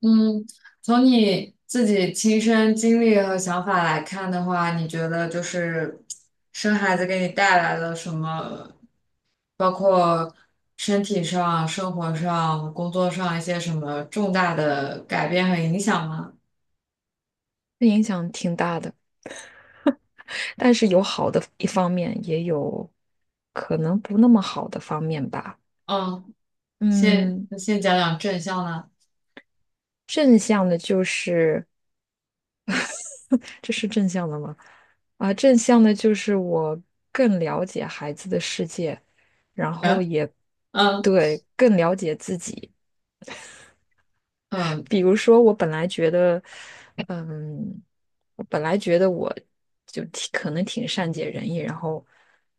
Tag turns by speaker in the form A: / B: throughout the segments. A: 嗯，从你自己亲身经历和想法来看的话，你觉得生孩子给你带来了什么，包括身体上、生活上、工作上一些什么重大的改变和影响吗？
B: 这影响挺大的，但是有好的一方面，也有可能不那么好的方面吧。
A: 嗯，先
B: 嗯，
A: 先讲讲正向的。
B: 正向的就是，这是正向的吗？正向的就是我更了解孩子的世界，然后
A: 嗯。
B: 也
A: 嗯。
B: 对更了解自己。
A: 嗯。
B: 比如说，我本来觉得，嗯，我本来觉得我就挺可能挺善解人意，然后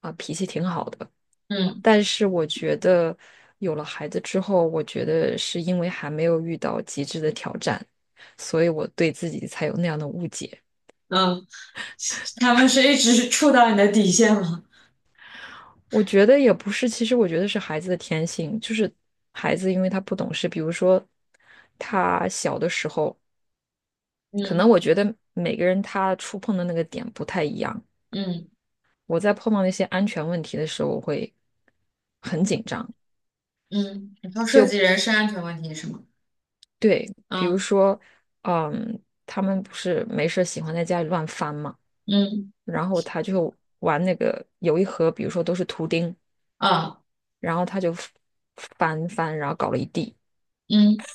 B: 脾气挺好的。
A: 嗯。
B: 但是我觉得有了孩子之后，我觉得是因为还没有遇到极致的挑战，所以我对自己才有那样的误解。
A: 嗯。他们是一直触到你的底线吗？
B: 我觉得也不是，其实我觉得是孩子的天性，就是孩子因为他不懂事，比如说他小的时候，可能
A: 嗯。
B: 我觉得每个人他触碰的那个点不太一样。
A: 嗯。
B: 我在碰到那些安全问题的时候，我会很紧张。
A: 嗯，你说涉及人身安全问题是吗？
B: 对，比如
A: 嗯。
B: 说，嗯，他们不是没事儿喜欢在家里乱翻吗？
A: 嗯。
B: 然后他就玩那个有一盒，比如说都是图钉，
A: 啊，
B: 然后他就翻翻，然后搞了一地。
A: 嗯，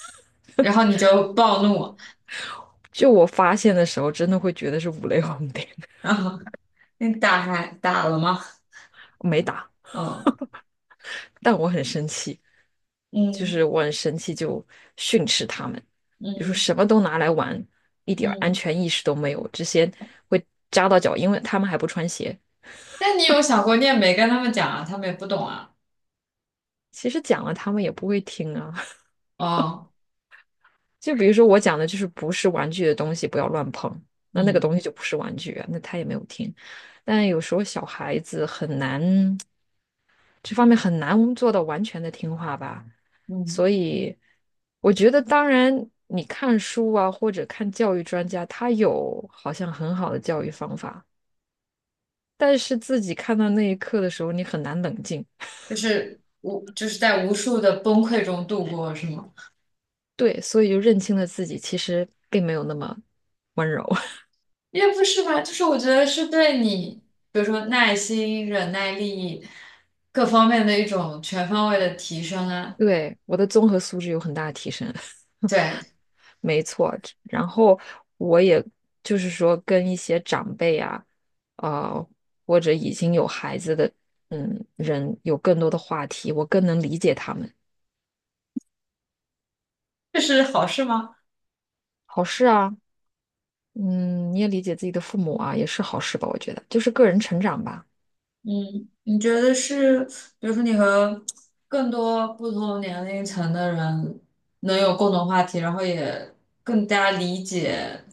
A: 然后你就暴怒，
B: 就我发现的时候，真的会觉得是五雷轰顶，
A: 然后你打还打了吗？
B: 没打，
A: 哦。
B: 但我很生气，就
A: 嗯。
B: 是我很生气，就训斥他们，就说
A: 嗯。
B: 什么都拿来玩，一点儿安
A: 嗯，
B: 全意识都没有，这些会扎到脚，因为他们还不穿鞋。
A: 那你有想过，你也没跟他们讲啊，他们也不懂啊。
B: 其实讲了，他们也不会听啊。
A: 哦。
B: 就比如说我讲的就是不是玩具的东西不要乱碰，那个
A: 嗯。
B: 东西就不是玩具啊，那他也没有听。但有时候小孩子很难，这方面很难做到完全的听话吧。
A: 嗯。
B: 所以我觉得，当然你看书啊，或者看教育专家，他有好像很好的教育方法，但是自己看到那一刻的时候，你很难冷静。
A: 就是无就是在无数的崩溃中度过，是吗？
B: 对，所以就认清了自己其实并没有那么温柔。
A: 也不是吧，就是我觉得是对你，比如说耐心、忍耐力各方面的一种全方位的提升啊。
B: 对，我的综合素质有很大的提升。
A: 对。
B: 没错，然后我也就是说跟一些长辈啊，呃，或者已经有孩子的人有更多的话题，我更能理解他们。
A: 这是好事吗？
B: 好事啊，嗯，你也理解自己的父母啊，也是好事吧？我觉得就是个人成长吧。
A: 嗯，你觉得是，比如说你和更多不同年龄层的人能有共同话题，然后也更加理解，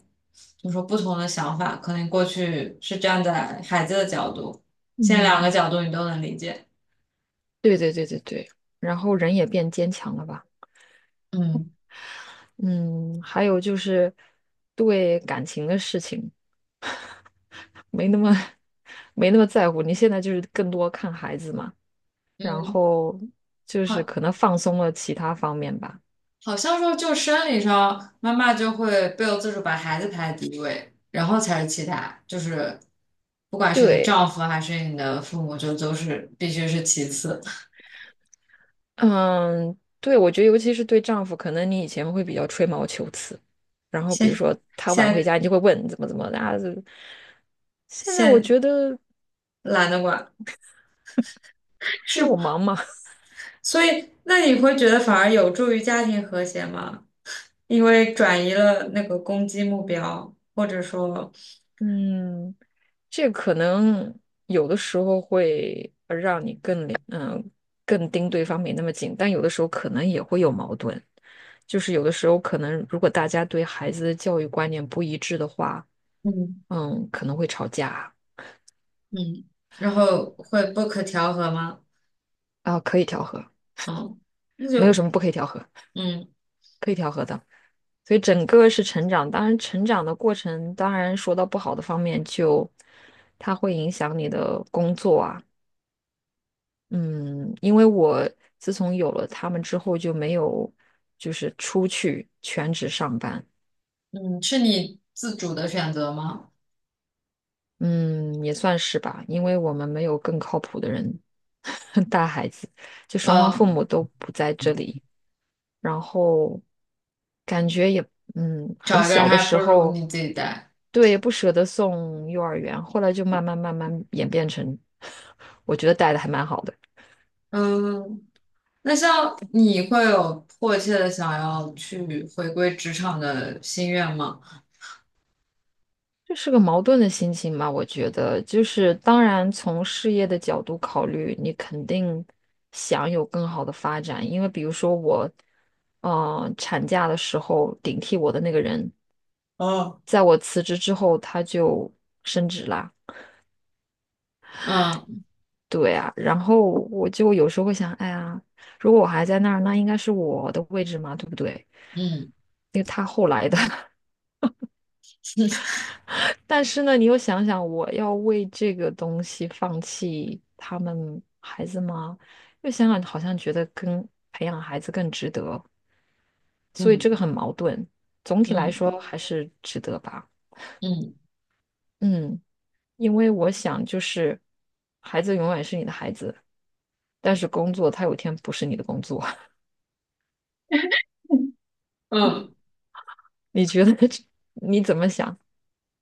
A: 就是说不同的想法，可能过去是站在孩子的角度，现在两个
B: 嗯，
A: 角度你都能理解。
B: 对对对对对，然后人也变坚强了吧？
A: 嗯。
B: 嗯，还有就是对感情的事情没那么 没那么在乎，你现在就是更多看孩子嘛。然
A: 嗯。
B: 后就是
A: 好，
B: 可能放松了其他方面吧。
A: 好像说就生理上，妈妈就会不由自主把孩子排在第一位，然后才是其他，就是不管是你的
B: 对，
A: 丈夫还是你的父母，就都是必须是其次。
B: 嗯，对，我觉得尤其是对丈夫，可能你以前会比较吹毛求疵，然后比如
A: 现
B: 说他晚回
A: 现
B: 家，你就会问怎么怎么的啊。现在我
A: 现
B: 觉得，
A: 懒得管，是。
B: 因为我忙嘛，
A: 所以那你会觉得反而有助于家庭和谐吗？因为转移了那个攻击目标，或者说，
B: 嗯，这可能有的时候会让你更盯对方没那么紧，但有的时候可能也会有矛盾，就是有的时候可能如果大家对孩子的教育观念不一致的话。
A: 嗯。
B: 嗯，可能会吵架
A: 嗯，然后会不可调和吗？
B: 啊，可以调和，
A: 嗯，那
B: 没有
A: 就。
B: 什么不可以调和，
A: 嗯。
B: 可以调和的。所以整个是成长，当然成长的过程，当然说到不好的方面就，它会影响你的工作啊，嗯，因为我自从有了他们之后就没有就是出去全职上班，
A: 嗯，是你自主的选择吗？
B: 嗯，也算是吧，因为我们没有更靠谱的人 带孩子，就双方父
A: 呃，
B: 母都不在这里。然后感觉也嗯，很
A: 找一个人
B: 小的
A: 还不
B: 时
A: 如
B: 候，
A: 你自己带。
B: 对，不舍得送幼儿园，后来就慢慢演变成，我觉得带的还蛮好的。
A: 嗯，那像你会有迫切的想要去回归职场的心愿吗？
B: 这是个矛盾的心情吧，我觉得，就是当然从事业的角度考虑，你肯定想有更好的发展，因为比如说我，产假的时候顶替我的那个人，
A: 哦。
B: 在我辞职之后他就升职啦。
A: 嗯。
B: 对啊，然后我就有时候会想，哎呀，如果我还在那儿，那应该是我的位置嘛，对不对？
A: 嗯。
B: 因为他后来的，但是呢，你又想想，我要为这个东西放弃他们孩子吗？又想想，好像觉得跟培养孩子更值得，所以这个
A: 嗯。
B: 很矛盾。总体来
A: 嗯。
B: 说还是值得吧，
A: 嗯。
B: 嗯，因为我想就是，孩子永远是你的孩子，但是工作他有一天不是你的工作。
A: 嗯，
B: 你觉得这 你怎么想？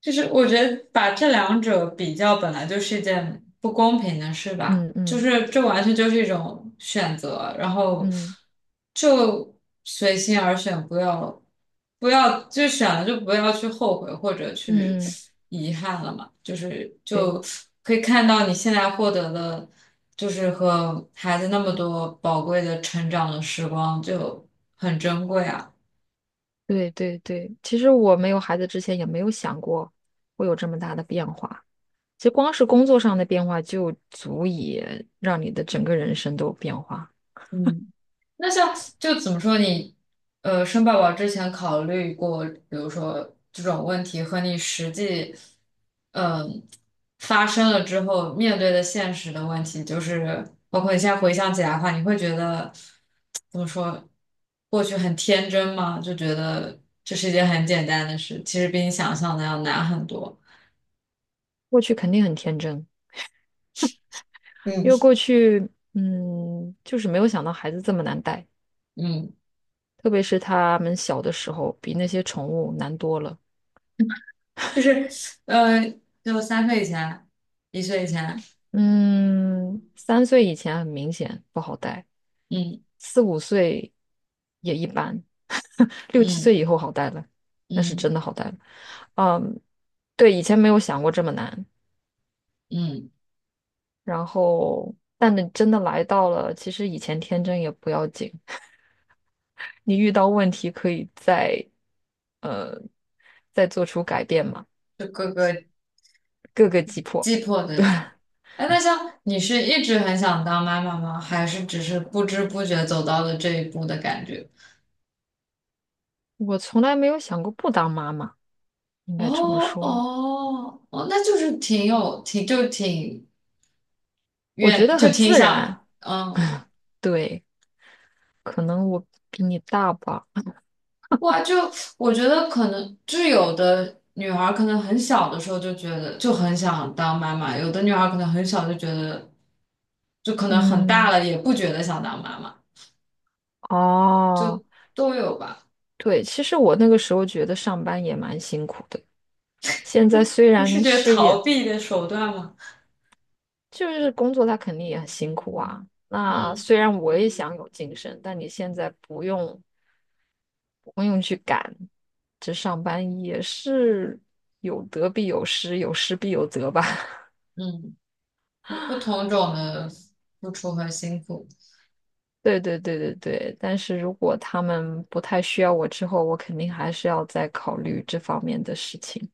A: 就是我觉得把这两者比较，本来就是一件不公平的事吧，
B: 嗯
A: 就
B: 嗯
A: 是这完全就是一种选择，然后
B: 嗯
A: 就随心而选，不要就选了就不要去后悔或者去
B: 嗯嗯，
A: 遗憾了嘛，就
B: 对
A: 可以看到你现在获得的，就是和孩子那么多宝贵的成长的时光就很珍贵啊。
B: 对对对。其实我没有孩子之前也没有想过会有这么大的变化。其实光是工作上的变化就足以让你的整个人生都有变化。
A: 嗯。那像就怎么说你，生宝宝之前考虑过，比如说这种问题和你实际，嗯、发生了之后面对的现实的问题，就是包括你现在回想起来的话，你会觉得怎么说，过去很天真吗？就觉得这是一件很简单的事，其实比你想象的要难很多。
B: 过去肯定很天真，
A: 嗯。
B: 因为过去就是没有想到孩子这么难带，
A: 嗯，
B: 特别是他们小的时候比那些宠物难多了。
A: 就是呃，就三岁以前，一岁以前。
B: 嗯，3岁以前很明显不好带，
A: 嗯。
B: 4、5岁也一般，6、7岁
A: 嗯。
B: 以后好带了，那是
A: 嗯。
B: 真的好带了。嗯，对，以前没有想过这么难。
A: 嗯。
B: 然后，但你真的来到了，其实以前天真也不要紧，你遇到问题可以呃再做出改变嘛，
A: 就各个
B: 各个击破。
A: 击破的。
B: 对，
A: 哎，哎那像你是一直很想当妈妈吗？还是只是不知不觉走到了这一步的感觉？
B: 我从来没有想过不当妈妈，应
A: 哦。
B: 该这么说，
A: 哦。哦，那就是挺有挺就挺
B: 我觉
A: 愿
B: 得
A: 就
B: 很
A: 挺
B: 自然。
A: 想
B: 对，可能我比你大吧。
A: 哇，就我觉得可能就是有的女孩儿可能很小的时候就觉得就很想当妈妈，有的女孩儿可能很小就觉得就可能很大
B: 嗯，
A: 了也不觉得想当妈妈，
B: 哦，
A: 就都有吧。
B: 对，其实我那个时候觉得上班也蛮辛苦的。现在虽
A: 你是
B: 然
A: 觉得
B: 事
A: 逃
B: 业
A: 避的手段吗？
B: 就是工作，它肯定也很辛苦啊。那
A: 嗯。
B: 虽然我也想有晋升，但你现在不用，这上班也是有得必有失，有失必有得吧。
A: 嗯，有不 同种的付出和辛苦。
B: 对对对对对，但是如果他们不太需要我之后，我肯定还是要再考虑这方面的事情。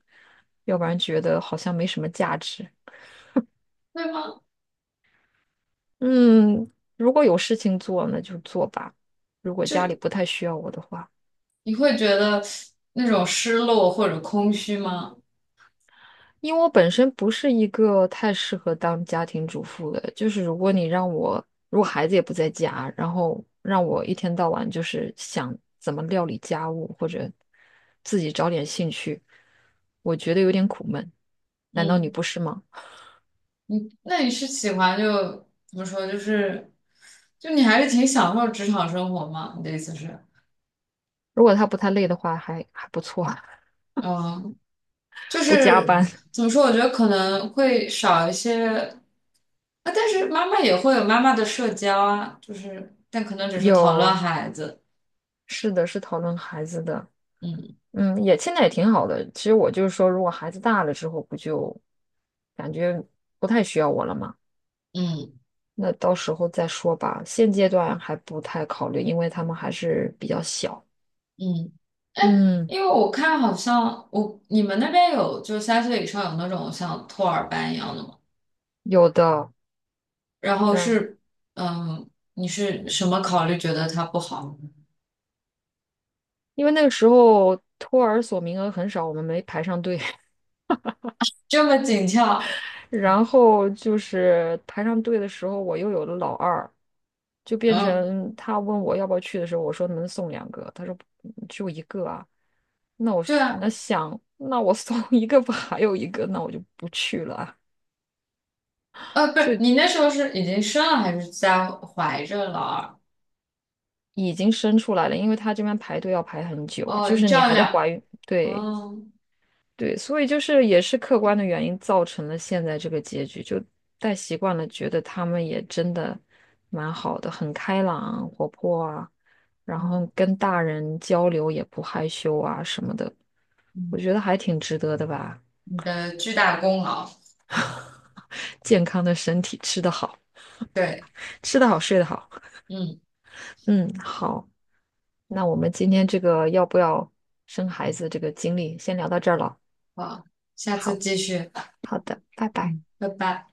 B: 要不然觉得好像没什么价值。
A: 会吗？
B: 嗯，如果有事情做，那就做吧。如果家里
A: 就
B: 不太需要我的话，
A: 你会觉得那种失落或者空虚吗？
B: 因为我本身不是一个太适合当家庭主妇的，就是如果你让我，如果孩子也不在家，然后让我一天到晚就是想怎么料理家务或者自己找点兴趣，我觉得有点苦闷。难道你
A: 嗯，
B: 不是吗？
A: 你那你是喜欢就怎么说？就是就你还是挺享受职场生活吗？你的意思是，
B: 如果他不太累的话，还不错，
A: 嗯，就
B: 不加
A: 是
B: 班，
A: 怎么说？我觉得可能会少一些啊，但是妈妈也会有妈妈的社交啊，就是但可能只是讨论
B: 又。
A: 孩子。
B: 是的，是讨论孩子的，
A: 嗯。
B: 嗯，也现在也挺好的。其实我就是说，如果孩子大了之后，不就感觉不太需要我了嘛？
A: 嗯。
B: 那到时候再说吧。现阶段还不太考虑，因为他们还是比较小。
A: 嗯
B: 嗯，
A: 因为我看好像我你们那边有就是三岁以上有那种像托儿班一样的吗？
B: 有的，
A: 然后
B: 让，
A: 是嗯，你是什么考虑觉得它不好？
B: 因为那个时候托儿所名额很少，我们没排上队。
A: 这么紧俏。
B: 然后就是排上队的时候，我又有了老二，就变
A: 嗯，
B: 成他问我要不要去的时候，我说能送2个，他说就1个啊。那我
A: 对
B: 说
A: 啊，
B: 那想，那我送 1个吧，还有一个，那我就不去了啊。
A: 不
B: 所
A: 是
B: 以
A: 你那时候是已经生了还是在怀着老二？
B: 已经生出来了，因为他这边排队要排很久，
A: 哦，
B: 就
A: 你
B: 是
A: 这
B: 你
A: 样
B: 还在怀
A: 聊。
B: 孕，对，
A: 哦。
B: 对，所以就是也是客观的原因造成了现在这个结局，就带习惯了，觉得他们也真的蛮好的，很开朗、活泼啊，然
A: 嗯。
B: 后跟大人交流也不害羞啊什么的，我
A: 嗯，
B: 觉得还挺值得的吧。
A: 你的巨大功劳。
B: 健康的身体，吃得好，
A: 对。
B: 吃得好，睡得好。
A: 嗯，
B: 嗯，好，那我们今天这个要不要生孩子这个经历，先聊到这儿了。
A: 好，下次
B: 好，
A: 继续。
B: 好的，拜拜。
A: 嗯，拜拜。